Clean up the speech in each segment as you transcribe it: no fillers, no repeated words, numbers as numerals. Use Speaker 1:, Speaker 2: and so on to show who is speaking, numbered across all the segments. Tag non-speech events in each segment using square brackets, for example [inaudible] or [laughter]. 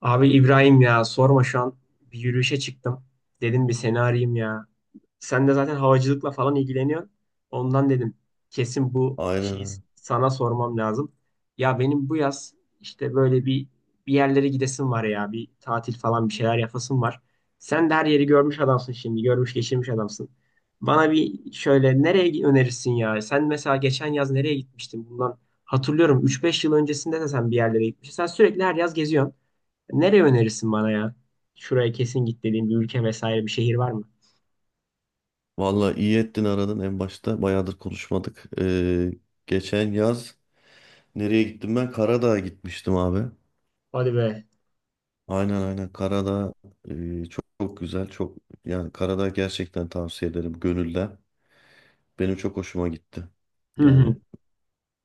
Speaker 1: Abi İbrahim ya sorma şu an bir yürüyüşe çıktım. Dedim bir seni arayayım ya. Sen de zaten havacılıkla falan ilgileniyorsun. Ondan dedim kesin bu
Speaker 2: Aynen,
Speaker 1: şeyi
Speaker 2: öyle.
Speaker 1: sana sormam lazım. Ya benim bu yaz işte böyle bir yerlere gidesim var ya. Bir tatil falan bir şeyler yapasım var. Sen de her yeri görmüş adamsın şimdi. Görmüş geçirmiş adamsın. Bana bir şöyle nereye önerirsin ya? Sen mesela geçen yaz nereye gitmiştin? Bundan hatırlıyorum üç beş yıl öncesinde de sen bir yerlere gitmiştin. Sen sürekli her yaz geziyorsun. Nereye önerirsin bana ya? Şuraya kesin git dediğin bir ülke vesaire bir şehir var mı?
Speaker 2: Vallahi iyi ettin aradın en başta. Bayağıdır konuşmadık. Geçen yaz nereye gittim ben? Karadağ'a gitmiştim abi.
Speaker 1: Hadi be.
Speaker 2: Aynen aynen, Karadağ çok, çok güzel. Yani Karadağ gerçekten tavsiye ederim gönülden. Benim çok hoşuma gitti.
Speaker 1: Hı hı.
Speaker 2: Yani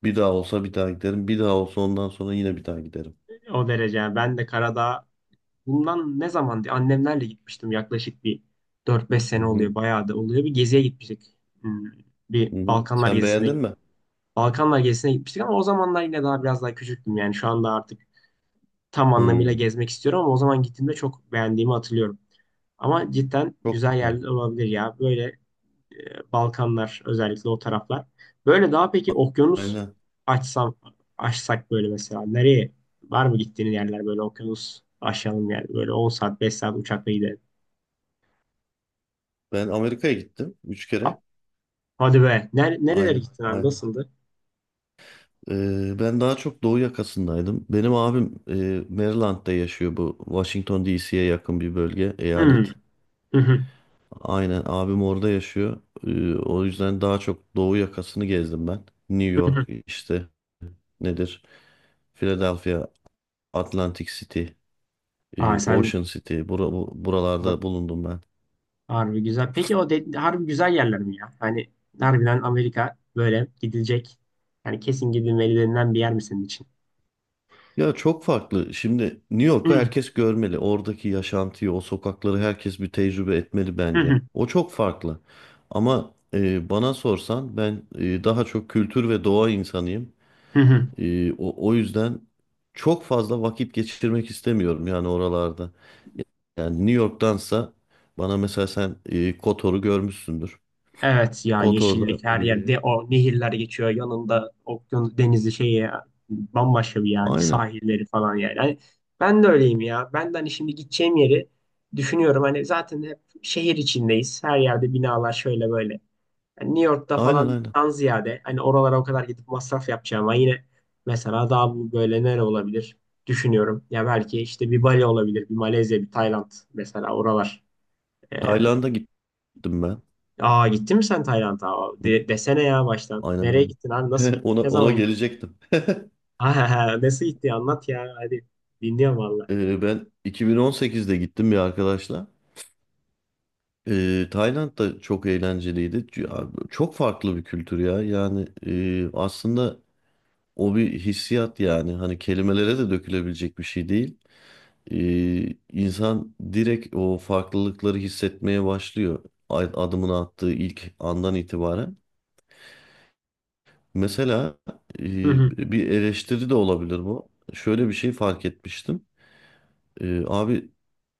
Speaker 2: bir daha olsa bir daha giderim. Bir daha olsa ondan sonra yine bir daha giderim.
Speaker 1: O derece. Ben de Karadağ bundan ne zaman annemlerle gitmiştim. Yaklaşık bir dört beş
Speaker 2: Hı
Speaker 1: sene
Speaker 2: hı,
Speaker 1: oluyor. Bayağı da oluyor. Bir geziye gitmiştik. Hmm, Bir
Speaker 2: hı hı.
Speaker 1: Balkanlar
Speaker 2: Sen
Speaker 1: gezisine
Speaker 2: beğendin mi?
Speaker 1: Balkanlar gezisine gitmiştik ama o zamanlar yine daha biraz daha küçüktüm. Yani şu anda artık tam anlamıyla
Speaker 2: Hı,
Speaker 1: gezmek istiyorum ama o zaman gittiğimde çok beğendiğimi hatırlıyorum. Ama cidden
Speaker 2: çok
Speaker 1: güzel
Speaker 2: güzel.
Speaker 1: yerler olabilir ya. Böyle Balkanlar özellikle o taraflar. Böyle daha peki okyanus
Speaker 2: Aynen.
Speaker 1: açsam açsak böyle mesela nereye var mı gittiğin yerler böyle okyanus aşalım yani böyle 10 saat 5 saat uçakla gidelim.
Speaker 2: Ben Amerika'ya gittim. Üç
Speaker 1: A-
Speaker 2: kere.
Speaker 1: Hadi be. Nerelere
Speaker 2: Aynen.
Speaker 1: gittin abi?
Speaker 2: Aynen.
Speaker 1: Nasıldı?
Speaker 2: Ben daha çok doğu yakasındaydım. Benim abim Maryland'da yaşıyor bu. Washington DC'ye yakın bir bölge,
Speaker 1: Hmm.
Speaker 2: eyalet.
Speaker 1: Hı hı.
Speaker 2: Aynen, abim orada yaşıyor. O yüzden daha çok doğu yakasını gezdim ben. New
Speaker 1: Hı
Speaker 2: York,
Speaker 1: hı.
Speaker 2: işte nedir? Philadelphia, Atlantic City,
Speaker 1: Aa sen
Speaker 2: Ocean City.
Speaker 1: har-
Speaker 2: Buralarda bulundum ben.
Speaker 1: harbi güzel. Peki o de, harbi güzel yerler mi ya? Hani harbiden Amerika böyle gidilecek. Yani kesin gidilmeli denilen bir yer mi senin için?
Speaker 2: Ya çok farklı. Şimdi New
Speaker 1: Hı
Speaker 2: York'u
Speaker 1: hı.
Speaker 2: herkes görmeli. Oradaki yaşantıyı, o sokakları herkes bir tecrübe etmeli
Speaker 1: Hı
Speaker 2: bence.
Speaker 1: hı.
Speaker 2: O çok farklı. Ama bana sorsan ben daha çok kültür ve doğa insanıyım.
Speaker 1: Hı hı.
Speaker 2: O yüzden çok fazla vakit geçirmek istemiyorum yani oralarda. Yani New York'tansa bana mesela sen Kotor'u görmüşsündür.
Speaker 1: Evet ya,
Speaker 2: Kotor'da
Speaker 1: yeşillik her yerde, o nehirler geçiyor yanında, okyanus denizi şey ya, bambaşka bir yer,
Speaker 2: aynen
Speaker 1: sahilleri falan yani. Hani ben de öyleyim ya, ben de hani şimdi gideceğim yeri düşünüyorum, hani zaten hep şehir içindeyiz, her yerde binalar şöyle böyle. Hani New York'ta
Speaker 2: aynen aynen.
Speaker 1: falandan ziyade hani oralara o kadar gidip masraf yapacağım ama yine mesela daha bu böyle nere olabilir düşünüyorum. Ya belki işte bir Bali olabilir, bir Malezya, bir Tayland mesela oralar. Ee,
Speaker 2: Tayland'a gittim ben.
Speaker 1: Aa gittin mi sen Tayland'a? Aa,
Speaker 2: Hı hı,
Speaker 1: Desene ya baştan.
Speaker 2: aynen
Speaker 1: Nereye
Speaker 2: aynen.
Speaker 1: gittin abi? Nasıl
Speaker 2: [laughs]
Speaker 1: gittin?
Speaker 2: Ona
Speaker 1: Ne
Speaker 2: ona
Speaker 1: zaman gittin?
Speaker 2: gelecektim.
Speaker 1: [laughs] Aa, nasıl gitti? Anlat ya. Hadi. Dinliyorum valla.
Speaker 2: Ben 2018'de gittim bir arkadaşla. Tayland da çok eğlenceliydi. Ya, çok farklı bir kültür ya. Aslında o bir hissiyat yani. Hani kelimelere de dökülebilecek bir şey değil. İnsan direkt o farklılıkları hissetmeye başlıyor. Adımını attığı ilk andan itibaren. Mesela
Speaker 1: Hı
Speaker 2: e,
Speaker 1: hı.
Speaker 2: bir eleştiri de olabilir bu. Şöyle bir şey fark etmiştim. Abi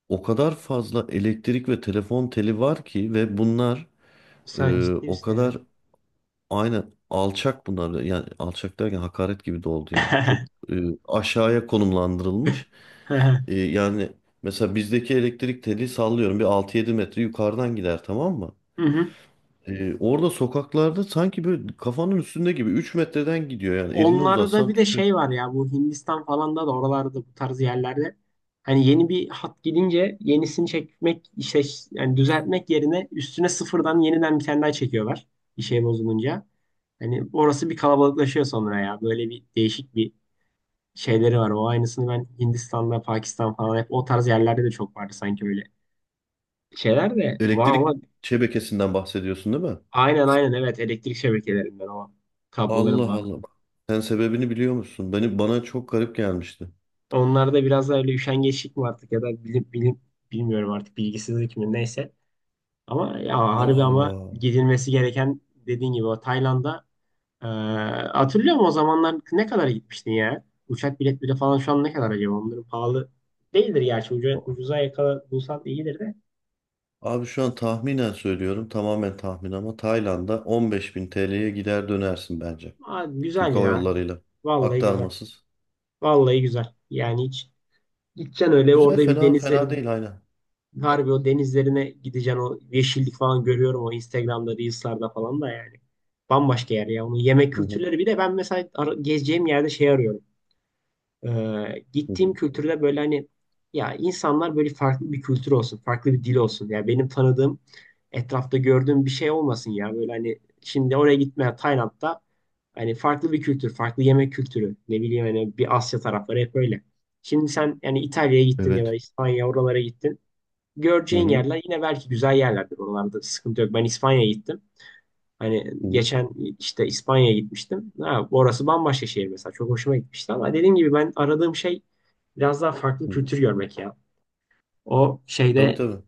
Speaker 2: o kadar fazla elektrik ve telefon teli var ki ve bunlar
Speaker 1: Sen ciddi
Speaker 2: o
Speaker 1: misin ya?
Speaker 2: kadar aynı alçak, bunlar yani alçak derken hakaret gibi de oldu yani çok
Speaker 1: [laughs]
Speaker 2: e, aşağıya konumlandırılmış. Yani mesela bizdeki elektrik teli, sallıyorum, bir 6-7 metre yukarıdan gider, tamam mı?
Speaker 1: Hı hı.
Speaker 2: Orada sokaklarda sanki böyle kafanın üstünde gibi 3 metreden gidiyor, yani elini
Speaker 1: Onlarda
Speaker 2: uzatsan
Speaker 1: bir de
Speaker 2: tutacaksın.
Speaker 1: şey var ya, bu Hindistan falan da oralarda, bu tarz yerlerde hani yeni bir hat gidince yenisini çekmek işte, yani düzeltmek yerine üstüne sıfırdan yeniden bir tane daha çekiyorlar bir şey bozulunca. Hani orası bir kalabalıklaşıyor sonra ya, böyle bir değişik bir şeyleri var. O aynısını ben Hindistan'da, Pakistan falan hep o tarz yerlerde de çok vardı sanki, öyle şeyler de var
Speaker 2: Elektrik
Speaker 1: ama.
Speaker 2: şebekesinden bahsediyorsun değil mi?
Speaker 1: Aynen aynen, evet, elektrik şebekelerinden, o kabloların
Speaker 2: Allah
Speaker 1: bağlı.
Speaker 2: Allah. Sen sebebini biliyor musun? Bana çok garip gelmişti.
Speaker 1: Onlarda biraz da öyle üşengeçlik mi artık, ya da bilim, bilim bilmiyorum artık, bilgisizlik mi, neyse. Ama ya
Speaker 2: Allah
Speaker 1: harbi, ama
Speaker 2: Allah.
Speaker 1: gidilmesi gereken dediğin gibi o Tayland'a, eee hatırlıyor musun o zamanlar ne kadara gitmiştin ya? Uçak biletleri falan şu an ne kadar acaba? Onların pahalı değildir gerçi.
Speaker 2: O-
Speaker 1: Ucuza yakala, bulsan iyidir de.
Speaker 2: Abi şu an tahminen söylüyorum. Tamamen tahmin ama Tayland'a 15 bin TL'ye gider dönersin bence.
Speaker 1: Abi
Speaker 2: Türk
Speaker 1: güzel
Speaker 2: Hava
Speaker 1: ya.
Speaker 2: Yolları'yla.
Speaker 1: Vallahi güzel.
Speaker 2: Aktarmasız.
Speaker 1: Vallahi güzel. Yani hiç, gideceksin öyle
Speaker 2: Güzel,
Speaker 1: orada bir
Speaker 2: fena fena
Speaker 1: denizlerin,
Speaker 2: değil, aynen.
Speaker 1: harbi o denizlerine gideceksin, o yeşillik falan görüyorum o Instagram'da, Reels'larda falan da yani. Bambaşka yer ya. Onun yemek
Speaker 2: Hı hı,
Speaker 1: kültürleri bir de, ben mesela gezeceğim yerde şey arıyorum.
Speaker 2: hı hı.
Speaker 1: Gittiğim kültürde böyle hani ya, insanlar böyle, farklı bir kültür olsun, farklı bir dil olsun. Ya benim tanıdığım, etrafta gördüğüm bir şey olmasın ya. Böyle hani şimdi oraya gitmeye, Tayland'da hani farklı bir kültür, farklı yemek kültürü. Ne bileyim, hani bir Asya tarafları hep öyle. Şimdi sen yani İtalya'ya gittin ya da
Speaker 2: Evet.
Speaker 1: İspanya, oralara gittin.
Speaker 2: Hı
Speaker 1: Göreceğin
Speaker 2: hı,
Speaker 1: yerler yine belki güzel yerlerdir. Oralarda sıkıntı yok. Ben İspanya'ya gittim. Hani
Speaker 2: hı hı,
Speaker 1: geçen işte İspanya'ya gitmiştim. Ha, orası bambaşka şehir mesela. Çok hoşuma gitmişti ama dediğim gibi ben aradığım şey biraz daha farklı
Speaker 2: hı hı.
Speaker 1: kültür görmek ya. O
Speaker 2: Tabii
Speaker 1: şeyde,
Speaker 2: tabii.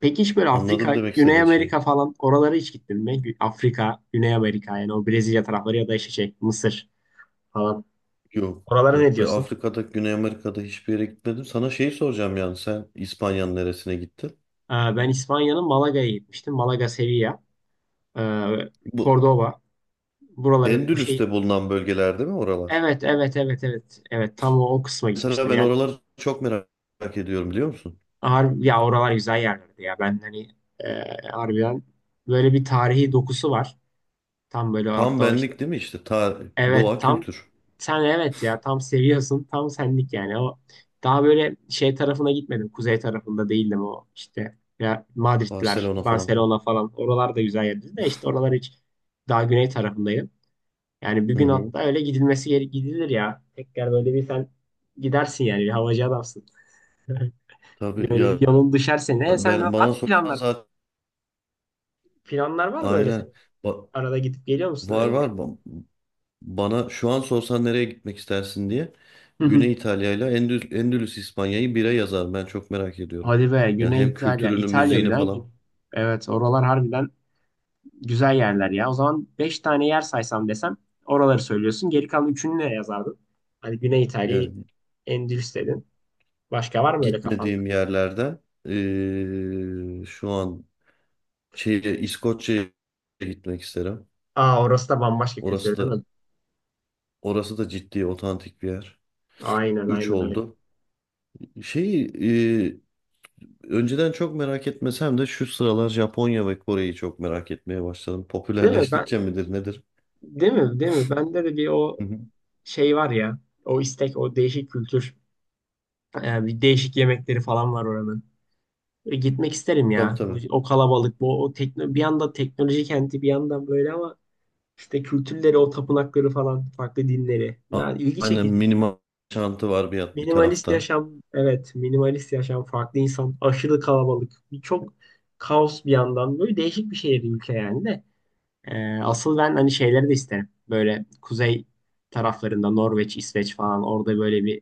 Speaker 1: peki hiç böyle
Speaker 2: Anladım
Speaker 1: Afrika,
Speaker 2: demek
Speaker 1: Güney
Speaker 2: istediğin şeyi.
Speaker 1: Amerika falan oralara hiç gittin mi? Afrika, Güney Amerika, yani o Brezilya tarafları ya da işte şey Mısır falan.
Speaker 2: Yok.
Speaker 1: Oralara ne
Speaker 2: Yok, ben
Speaker 1: diyorsun?
Speaker 2: Afrika'da, Güney Amerika'da hiçbir yere gitmedim. Sana şeyi soracağım, yani sen İspanya'nın neresine gittin?
Speaker 1: Ben İspanya'nın Malaga'ya gitmiştim. Malaga, Sevilla, e,
Speaker 2: Bu
Speaker 1: Cordoba. Buraları bu şey,
Speaker 2: Endülüs'te bulunan bölgeler değil mi oralar?
Speaker 1: evet, evet, evet, evet. Evet, tam o kısma
Speaker 2: Mesela
Speaker 1: gitmiştim.
Speaker 2: ben
Speaker 1: Yani
Speaker 2: oraları çok merak ediyorum biliyor musun?
Speaker 1: harbi, ya oralar güzel yerlerdi ya. Ben hani harbiden böyle bir tarihi dokusu var. Tam böyle
Speaker 2: Tam
Speaker 1: hatta o işte,
Speaker 2: benlik değil mi işte?
Speaker 1: evet
Speaker 2: Doğa,
Speaker 1: tam
Speaker 2: kültür.
Speaker 1: sen, evet ya tam seviyorsun, tam senlik yani o. Daha böyle şey tarafına gitmedim, kuzey tarafında değildim, o işte ya Madridler,
Speaker 2: Barcelona falan filan.
Speaker 1: Barcelona falan, oralar da güzel yerdi de, işte oralar hiç, daha güney tarafındayım yani. Bir
Speaker 2: Hı
Speaker 1: gün
Speaker 2: hı.
Speaker 1: hatta öyle gidilir ya tekrar, böyle bir sen gidersin yani, bir havacı adamsın. [laughs]
Speaker 2: Tabii
Speaker 1: Böyle
Speaker 2: ya,
Speaker 1: bir yolun düşer, ne sen
Speaker 2: ben
Speaker 1: var
Speaker 2: bana
Speaker 1: mı
Speaker 2: sorsan
Speaker 1: planlar,
Speaker 2: zaten
Speaker 1: var mı öyle, sen
Speaker 2: aynen. Ba-
Speaker 1: arada gidip geliyor musun
Speaker 2: var
Speaker 1: öyle bir
Speaker 2: var
Speaker 1: yer?
Speaker 2: Ba- Bana şu an sorsan nereye gitmek istersin diye, Güney
Speaker 1: [laughs]
Speaker 2: İtalya ile Endülüs İspanya'yı bire yazar. Ben çok merak ediyorum.
Speaker 1: Hadi be
Speaker 2: Ya
Speaker 1: Güney
Speaker 2: hem
Speaker 1: İtalya.
Speaker 2: kültürünü,
Speaker 1: İtalya bir
Speaker 2: müziğini
Speaker 1: daha.
Speaker 2: falan.
Speaker 1: Evet oralar harbiden güzel yerler ya. O zaman 5 tane yer saysam desem, oraları söylüyorsun. Geri kalan üçünü ne yazardın? Hani Güney İtalya'yı,
Speaker 2: Yani
Speaker 1: Endülüs dedin. Başka var mı öyle kafanda?
Speaker 2: gitmediğim yerlerden şu an İskoçya'ya gitmek isterim.
Speaker 1: Aa, orası da bambaşka
Speaker 2: Orası
Speaker 1: kültür değil
Speaker 2: da
Speaker 1: mi?
Speaker 2: orası da ciddi otantik bir yer.
Speaker 1: Aynen
Speaker 2: 3
Speaker 1: aynen, öyle.
Speaker 2: oldu. Şey e, Önceden çok merak etmesem de şu sıralar Japonya ve Kore'yi çok merak etmeye başladım.
Speaker 1: Değil mi?
Speaker 2: Popülerleştikçe midir nedir?
Speaker 1: Değil mi? Değil mi? Bende de bir o
Speaker 2: Hı hı.
Speaker 1: şey var ya. O istek, o değişik kültür. Bir değişik yemekleri falan var oranın. Gitmek isterim
Speaker 2: Tabii
Speaker 1: ya.
Speaker 2: tabii.
Speaker 1: O kalabalık, bu o bir yanda teknoloji kenti, bir yandan böyle ama işte kültürleri, o tapınakları falan, farklı dinleri.
Speaker 2: A-
Speaker 1: Yani ilgi
Speaker 2: Aynen,
Speaker 1: çekici.
Speaker 2: minimal çantı var bir
Speaker 1: Minimalist
Speaker 2: tarafta.
Speaker 1: yaşam, evet, minimalist yaşam, farklı insan, aşırı kalabalık, birçok kaos bir yandan. Böyle değişik bir şehir, ülke yani de. Asıl ben hani şeyleri de isterim. Böyle kuzey taraflarında Norveç, İsveç falan, orada böyle bir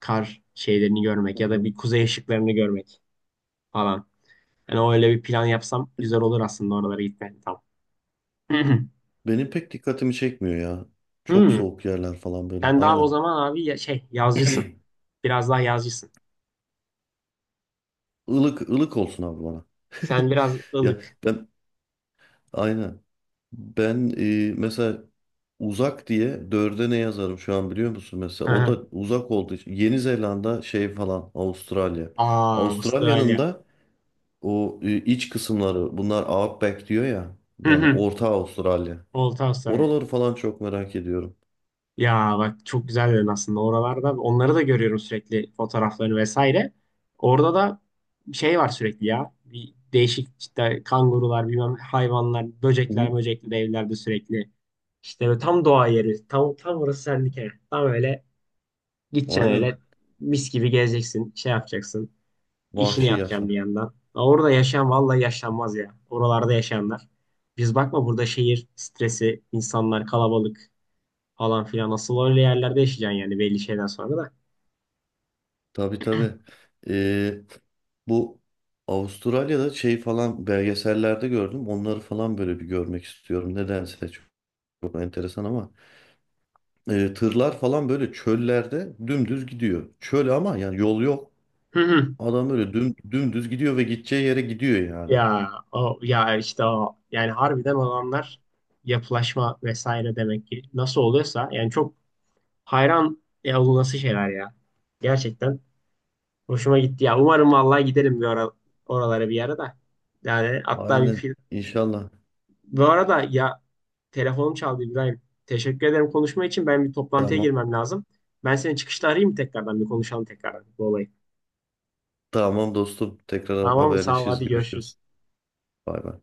Speaker 1: kar şeylerini
Speaker 2: Hı
Speaker 1: görmek ya da
Speaker 2: hı.
Speaker 1: bir kuzey ışıklarını görmek falan. Yani o öyle bir plan yapsam güzel olur aslında, oralara gitmek. Tamam. [laughs] [clears throat]
Speaker 2: Benim pek dikkatimi çekmiyor ya. Çok
Speaker 1: Hmm.
Speaker 2: soğuk yerler falan böyle.
Speaker 1: Sen daha o
Speaker 2: Aynen.
Speaker 1: zaman abi şey yazcısın.
Speaker 2: [clears throat]
Speaker 1: Biraz daha yazcısın.
Speaker 2: Ilık ılık olsun abi bana.
Speaker 1: Sen biraz
Speaker 2: [laughs] Ya
Speaker 1: ılık.
Speaker 2: ben aynen. Ben mesela uzak diye dörde ne yazarım şu an biliyor musun?
Speaker 1: [laughs]
Speaker 2: Mesela o
Speaker 1: Aa,
Speaker 2: da uzak olduğu için Yeni Zelanda, şey falan, Avustralya. Avustralya'nın
Speaker 1: Avustralya.
Speaker 2: da o iç kısımları, bunlar Outback diyor ya.
Speaker 1: Hı
Speaker 2: Yani
Speaker 1: hı.
Speaker 2: Orta Avustralya.
Speaker 1: Olta Avustralya.
Speaker 2: Oraları falan çok merak ediyorum.
Speaker 1: Ya bak çok güzel dedin aslında oralarda. Onları da görüyorum sürekli, fotoğraflarını vesaire. Orada da şey var sürekli ya. Bir değişik işte kangurular, bilmem hayvanlar,
Speaker 2: Hı
Speaker 1: böcekler,
Speaker 2: hı.
Speaker 1: böcekli evlerde sürekli. İşte böyle tam doğa yeri. Tam orası sendike. Tam öyle, gideceksin
Speaker 2: Aynen.
Speaker 1: öyle mis gibi gezeceksin, şey yapacaksın, işini
Speaker 2: Vahşi
Speaker 1: yapacaksın bir
Speaker 2: yaşam.
Speaker 1: yandan. Ha, orada yaşayan vallahi yaşanmaz ya, oralarda yaşayanlar. Biz bakma burada şehir stresi, insanlar kalabalık falan filan. Nasıl öyle yerlerde yaşayacaksın yani belli şeyden sonra da.
Speaker 2: Tabii tabii. E, Bu Avustralya'da şey falan, belgesellerde gördüm. Onları falan böyle bir görmek istiyorum. Nedense çok enteresan ama tırlar falan böyle çöllerde dümdüz gidiyor. Çöl ama yani yol yok.
Speaker 1: Hı hı.
Speaker 2: Adam böyle dümdüz gidiyor ve gideceği yere gidiyor yani.
Speaker 1: Ya o ya işte o, yani harbiden olanlar, yapılaşma vesaire demek ki nasıl oluyorsa, yani çok hayran ya bu nasıl şeyler ya. Gerçekten hoşuma gitti ya. Umarım vallahi gidelim bir ara, oralara bir yere de, yani hatta bir
Speaker 2: Aynen,
Speaker 1: film.
Speaker 2: inşallah.
Speaker 1: Bu arada ya telefonum çaldı İbrahim. Teşekkür ederim konuşma için. Ben bir toplantıya
Speaker 2: Tamam.
Speaker 1: girmem lazım. Ben seni çıkışta arayayım mı tekrardan, bir konuşalım tekrardan bu olayı.
Speaker 2: Tamam dostum. Tekrar
Speaker 1: Tamam mı? Sağ ol.
Speaker 2: haberleşiriz.
Speaker 1: Hadi görüşürüz.
Speaker 2: Görüşürüz. Bay bay.